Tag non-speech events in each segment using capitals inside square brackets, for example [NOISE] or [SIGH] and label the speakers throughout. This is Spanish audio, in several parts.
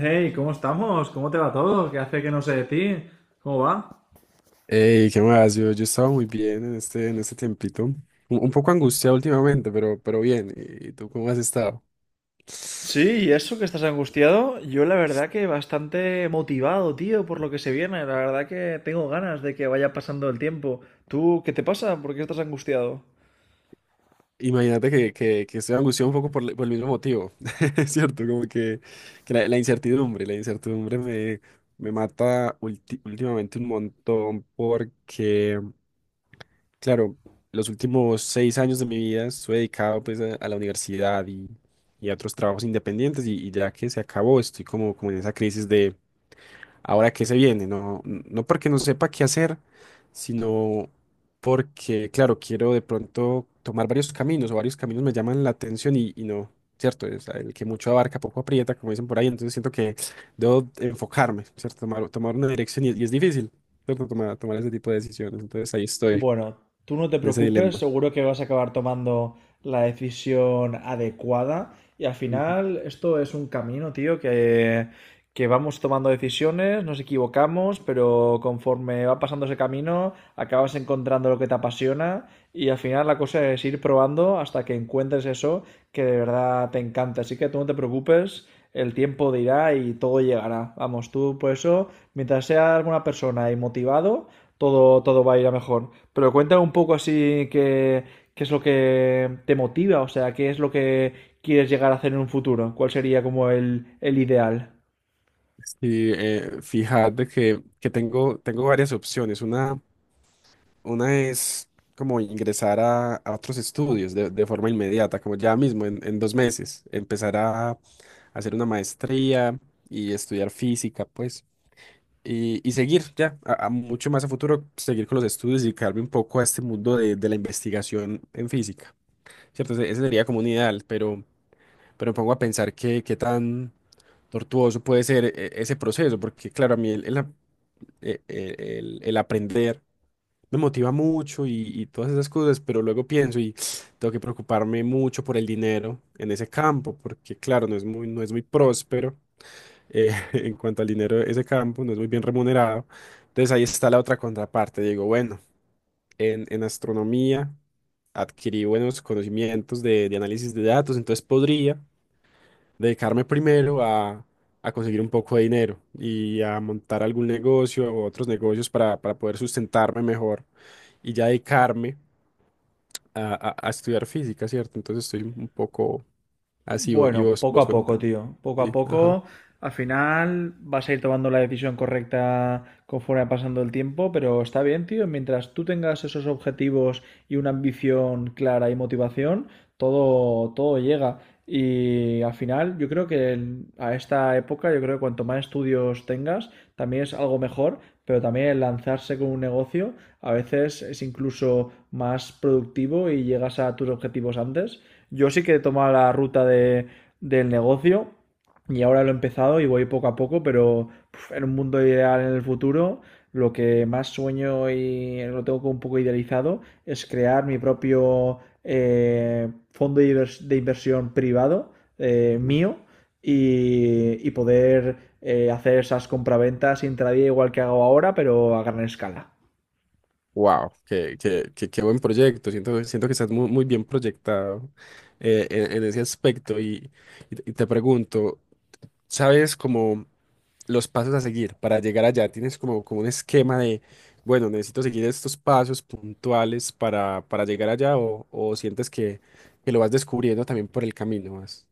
Speaker 1: Hey, ¿cómo estamos? ¿Cómo te va todo? ¿Qué hace que no sé de ti? ¿Cómo va?
Speaker 2: Ey, ¿qué más? Yo estaba muy bien en este tiempito. Un poco angustiado últimamente, pero bien. ¿Y tú cómo has estado?
Speaker 1: Sí, y eso que estás angustiado, yo la verdad que bastante motivado, tío, por lo que se viene. La verdad que tengo ganas de que vaya pasando el tiempo. ¿Tú qué te pasa? ¿Por qué estás angustiado?
Speaker 2: Imagínate que estoy angustiado un poco por el mismo motivo. [LAUGHS] Es cierto, como que la incertidumbre, me mata últimamente un montón porque, claro, los últimos 6 años de mi vida estuve dedicado pues a la universidad y a otros trabajos independientes y ya que se acabó, estoy como en esa crisis ahora qué se viene, no, no porque no sepa qué hacer, sino porque, claro, quiero de pronto tomar varios caminos o varios caminos me llaman la atención y no, ¿cierto? Es el que mucho abarca, poco aprieta, como dicen por ahí, entonces siento que debo enfocarme, ¿cierto? Tomar una dirección y es difícil, ¿cierto? Tomar ese tipo de decisiones, entonces ahí estoy,
Speaker 1: Bueno, tú no te
Speaker 2: en ese
Speaker 1: preocupes,
Speaker 2: dilema.
Speaker 1: seguro que vas a acabar tomando la decisión adecuada y al
Speaker 2: Ujú.
Speaker 1: final esto es un camino, tío, que vamos tomando decisiones, nos equivocamos, pero conforme va pasando ese camino, acabas encontrando lo que te apasiona y al final la cosa es ir probando hasta que encuentres eso que de verdad te encanta. Así que tú no te preocupes, el tiempo dirá y todo llegará. Vamos, tú por eso, mientras seas alguna persona y motivado, todo va a ir a mejor. Pero cuéntame un poco así qué, qué es lo que te motiva, o sea, qué es lo que quieres llegar a hacer en un futuro, cuál sería como el ideal.
Speaker 2: Sí, fíjate que tengo varias opciones. Una es como ingresar a otros estudios de forma inmediata, como ya mismo en 2 meses, empezar a hacer una maestría y estudiar física, pues, y seguir ya, a mucho más a futuro, seguir con los estudios y dedicarme un poco a este mundo de la investigación en física, ¿cierto? Ese sería como un ideal, pero me pongo a pensar qué tan tortuoso puede ser ese proceso, porque claro, a mí el, ap- el aprender me motiva mucho y todas esas cosas, pero luego pienso y tengo que preocuparme mucho por el dinero en ese campo, porque claro, no es muy próspero [LAUGHS] en cuanto al dinero de ese campo, no es muy bien remunerado. Entonces ahí está la otra contraparte. Digo, bueno, en astronomía adquirí buenos conocimientos de análisis de datos, entonces podría dedicarme primero a conseguir un poco de dinero y a montar algún negocio o otros negocios para poder sustentarme mejor y ya dedicarme a estudiar física, ¿cierto? Entonces estoy un poco así y
Speaker 1: Bueno,
Speaker 2: vos,
Speaker 1: poco
Speaker 2: vos
Speaker 1: a poco,
Speaker 2: contá.
Speaker 1: tío. Poco a
Speaker 2: Sí, ajá.
Speaker 1: poco, al final vas a ir tomando la decisión correcta conforme va pasando el tiempo, pero está bien, tío. Mientras tú tengas esos objetivos y una ambición clara y motivación, todo llega. Y al final, yo creo que a esta época, yo creo que cuanto más estudios tengas, también es algo mejor, pero también el lanzarse con un negocio a veces es incluso más productivo y llegas a tus objetivos antes. Yo sí que he tomado la ruta del negocio y ahora lo he empezado y voy poco a poco, pero puf, en un mundo ideal en el futuro, lo que más sueño y lo tengo como un poco idealizado es crear mi propio fondo de inversión privado, mío, y poder hacer esas compraventas intradía igual que hago ahora, pero a gran escala.
Speaker 2: Wow, qué buen proyecto. Siento que estás muy, muy bien proyectado en ese aspecto. Y te pregunto, ¿sabes cómo? Los pasos a seguir para llegar allá. Tienes como un esquema de, bueno, necesito seguir estos pasos puntuales para llegar allá o sientes que lo vas descubriendo también por el camino. Más.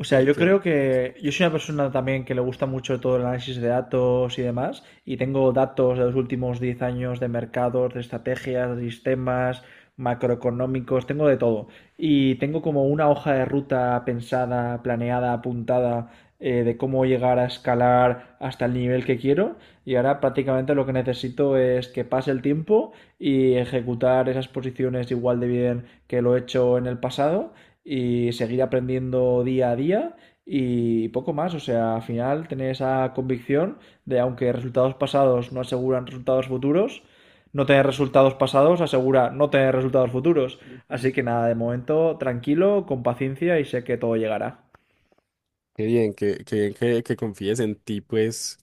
Speaker 1: O sea,
Speaker 2: Qué,
Speaker 1: yo
Speaker 2: qué-
Speaker 1: creo que yo soy una persona también que le gusta mucho todo el análisis de datos y demás, y tengo datos de los últimos 10 años de mercados, de estrategias, de sistemas macroeconómicos, tengo de todo. Y tengo como una hoja de ruta pensada, planeada, apuntada, de cómo llegar a escalar hasta el nivel que quiero. Y ahora prácticamente lo que necesito es que pase el tiempo y ejecutar esas posiciones igual de bien que lo he hecho en el pasado y seguir aprendiendo día a día y poco más. O sea, al final tener esa convicción de aunque resultados pasados no aseguran resultados futuros, no tener resultados pasados asegura no tener resultados futuros. Así
Speaker 2: Ujú.
Speaker 1: que nada, de momento tranquilo, con paciencia y sé que todo llegará.
Speaker 2: Qué bien que confíes en ti, pues,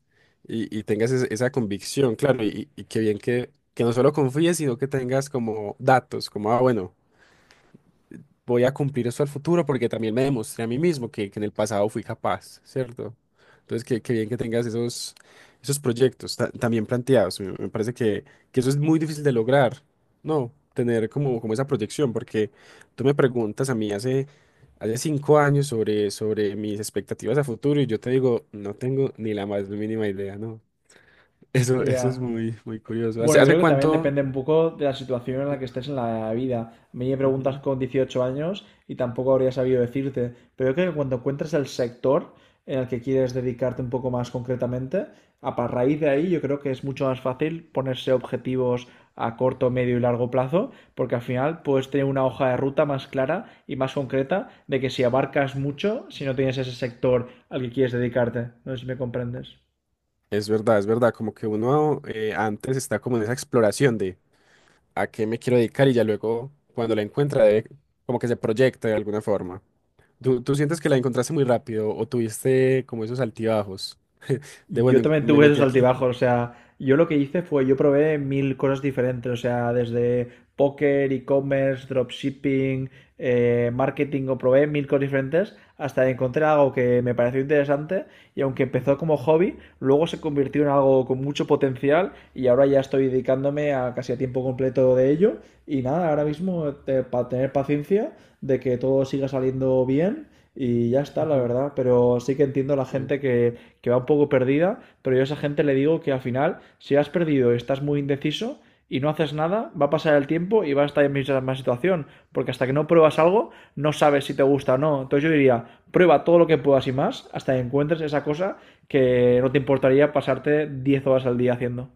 Speaker 2: y tengas esa convicción, claro, y qué bien que no solo confíes, sino que tengas como datos, como, ah, bueno. Voy a cumplir eso al futuro porque también me demostré a mí mismo que en el pasado fui capaz, ¿cierto? Entonces, qué bien que tengas esos proyectos también planteados. Me parece que eso es muy difícil de lograr, ¿no? Tener como esa proyección, porque tú me preguntas a mí hace 5 años sobre mis expectativas a futuro y yo te digo, no tengo ni la más mínima idea, ¿no? Eso es
Speaker 1: Ya.
Speaker 2: muy, muy curioso. ¿Hace,
Speaker 1: Bueno, yo
Speaker 2: hace
Speaker 1: creo que también
Speaker 2: cuánto?
Speaker 1: depende un poco de la situación en la que estés en la vida. A mí me preguntas
Speaker 2: Ujú.
Speaker 1: con 18 años y tampoco habría sabido decirte, pero yo creo que cuando encuentres el sector en el que quieres dedicarte un poco más concretamente, raíz de ahí yo creo que es mucho más fácil ponerse objetivos a corto, medio y largo plazo, porque al final puedes tener una hoja de ruta más clara y más concreta de que si abarcas mucho, si no tienes ese sector al que quieres dedicarte. No sé si me comprendes.
Speaker 2: Es verdad, como que uno antes está como en esa exploración a qué me quiero dedicar y ya luego cuando la encuentra como que se proyecta de alguna forma. ¿Tú sientes que la encontraste muy rápido o tuviste como esos altibajos de bueno,
Speaker 1: Yo también
Speaker 2: me
Speaker 1: tuve
Speaker 2: metí
Speaker 1: esos
Speaker 2: aquí?
Speaker 1: altibajos, o sea, yo lo que hice fue, yo probé mil cosas diferentes, o sea, desde póker, e-commerce, dropshipping, marketing, o probé mil cosas diferentes hasta que encontré algo que me pareció interesante y aunque empezó como hobby, luego se convirtió en algo con mucho potencial y ahora ya estoy dedicándome a casi a tiempo completo de ello y nada, ahora mismo para tener paciencia de que todo siga saliendo bien y ya está, la
Speaker 2: Ujú.
Speaker 1: verdad, pero sí que entiendo la
Speaker 2: Eh,
Speaker 1: gente que va un poco perdida, pero yo a esa gente le digo que al final, si has perdido y estás muy indeciso y no haces nada, va a pasar el tiempo y va a estar en la misma situación, porque hasta que no pruebas algo, no sabes si te gusta o no. Entonces yo diría, prueba todo lo que puedas y más hasta que encuentres esa cosa que no te importaría pasarte 10 horas al día haciendo.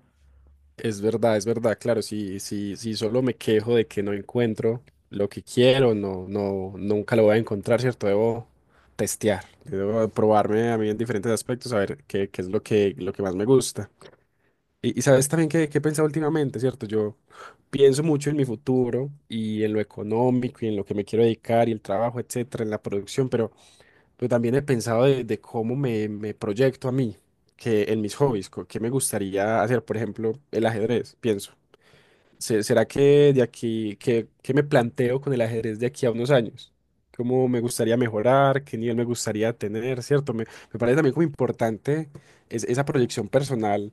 Speaker 2: Es verdad, claro, si, si, si solo me quejo de que no encuentro lo que quiero, no, no, nunca lo voy a encontrar, ¿cierto? Debo testear, debo probarme a mí en diferentes aspectos, a ver qué es lo que más me gusta. Y sabes también que he pensado últimamente, ¿cierto? Yo pienso mucho en mi futuro y en lo económico y en lo que me quiero dedicar y el trabajo, etcétera, en la producción, pero también he pensado de cómo me proyecto a mí, que en mis hobbies, qué me gustaría hacer, por ejemplo, el ajedrez, pienso. ¿Será que de aquí, que me planteo con el ajedrez de aquí a unos años? ¿Cómo me gustaría mejorar? ¿Qué nivel me gustaría tener? ¿Cierto? Me parece también como importante esa proyección personal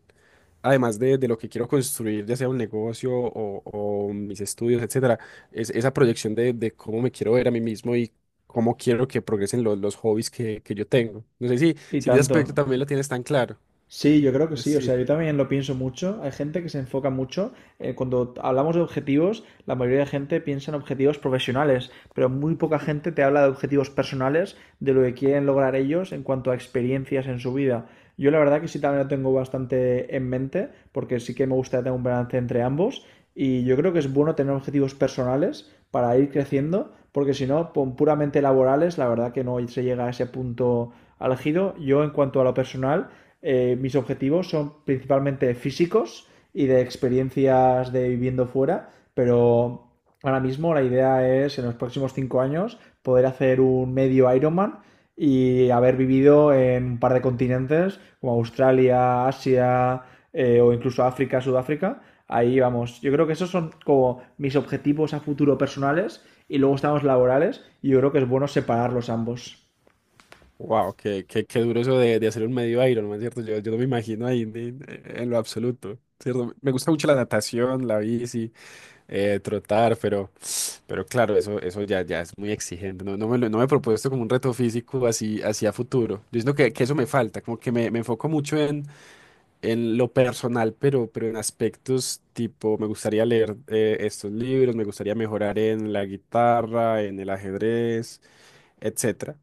Speaker 2: además de lo que quiero construir, ya sea un negocio o mis estudios, etcétera, es esa proyección de cómo me quiero ver a mí mismo y cómo quiero que progresen los hobbies que yo tengo. No sé si,
Speaker 1: Y
Speaker 2: si ese aspecto
Speaker 1: tanto.
Speaker 2: también lo tienes tan claro.
Speaker 1: Sí, yo creo que sí. O
Speaker 2: Sí.
Speaker 1: sea, yo también lo pienso mucho. Hay gente que se enfoca mucho. Cuando hablamos de objetivos, la mayoría de gente piensa en objetivos profesionales, pero muy poca gente te habla de objetivos personales, de lo que quieren lograr ellos en cuanto a experiencias en su vida. Yo la verdad que sí también lo tengo bastante en mente, porque sí que me gusta tener un balance entre ambos. Y yo creo que es bueno tener objetivos personales para ir creciendo, porque si no, con puramente laborales, la verdad que no se llega a ese punto álgido. Yo en cuanto a lo personal, mis objetivos son principalmente físicos y de experiencias de viviendo fuera, pero ahora mismo la idea es en los próximos 5 años poder hacer un medio Ironman y haber vivido en un par de continentes como Australia, Asia, o incluso África, Sudáfrica. Ahí vamos. Yo creo que esos son como mis objetivos a futuro personales y luego estamos laborales y yo creo que es bueno separarlos ambos.
Speaker 2: Wow, qué duro eso de hacer un medio Ironman, ¿cierto? Yo no me imagino ahí en lo absoluto, ¿cierto? Me gusta mucho la natación, la bici, trotar, pero. Pero claro, eso ya, ya es muy exigente. No, no me he propuesto como un reto físico así, así a futuro. Yo siento que eso me falta, como que me enfoco mucho en lo personal, pero en aspectos tipo, me gustaría leer estos libros, me gustaría mejorar en la guitarra, en el ajedrez, etcétera.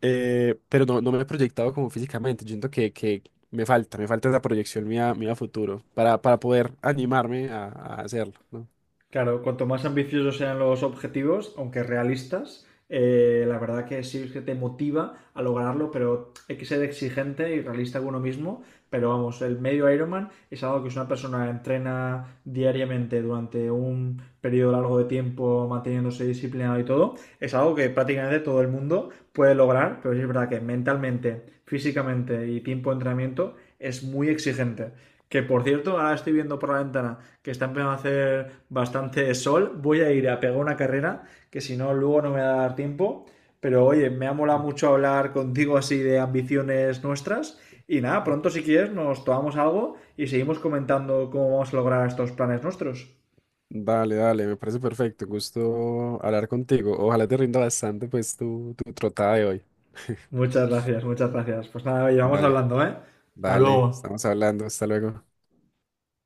Speaker 2: Pero no, no me he proyectado como físicamente. Yo siento que me falta esa proyección mía, mía a futuro para poder animarme a hacerlo, ¿no?
Speaker 1: Claro, cuanto más ambiciosos sean los objetivos, aunque realistas, la verdad que sí que te motiva a lograrlo, pero hay que ser exigente y realista con uno mismo. Pero vamos, el medio Ironman es algo que si una persona entrena diariamente durante un periodo largo de tiempo, manteniéndose disciplinado y todo, es algo que prácticamente todo el mundo puede lograr, pero sí es verdad que mentalmente, físicamente y tiempo de entrenamiento es muy exigente. Que por cierto, ahora estoy viendo por la ventana que está empezando a hacer bastante sol. Voy a ir a pegar una carrera, que si no, luego no me va a dar tiempo. Pero oye, me ha molado
Speaker 2: Ajá,
Speaker 1: mucho hablar contigo así de ambiciones nuestras. Y nada, pronto
Speaker 2: ajá.
Speaker 1: si quieres nos tomamos algo y seguimos comentando cómo vamos a lograr estos planes nuestros.
Speaker 2: Dale, dale, me parece perfecto. Gusto hablar contigo. Ojalá te rinda bastante pues tu trotada de hoy.
Speaker 1: Muchas gracias, muchas gracias. Pues nada, oye, vamos
Speaker 2: Dale,
Speaker 1: hablando, ¿eh? Hasta
Speaker 2: dale,
Speaker 1: luego.
Speaker 2: estamos hablando. Hasta luego.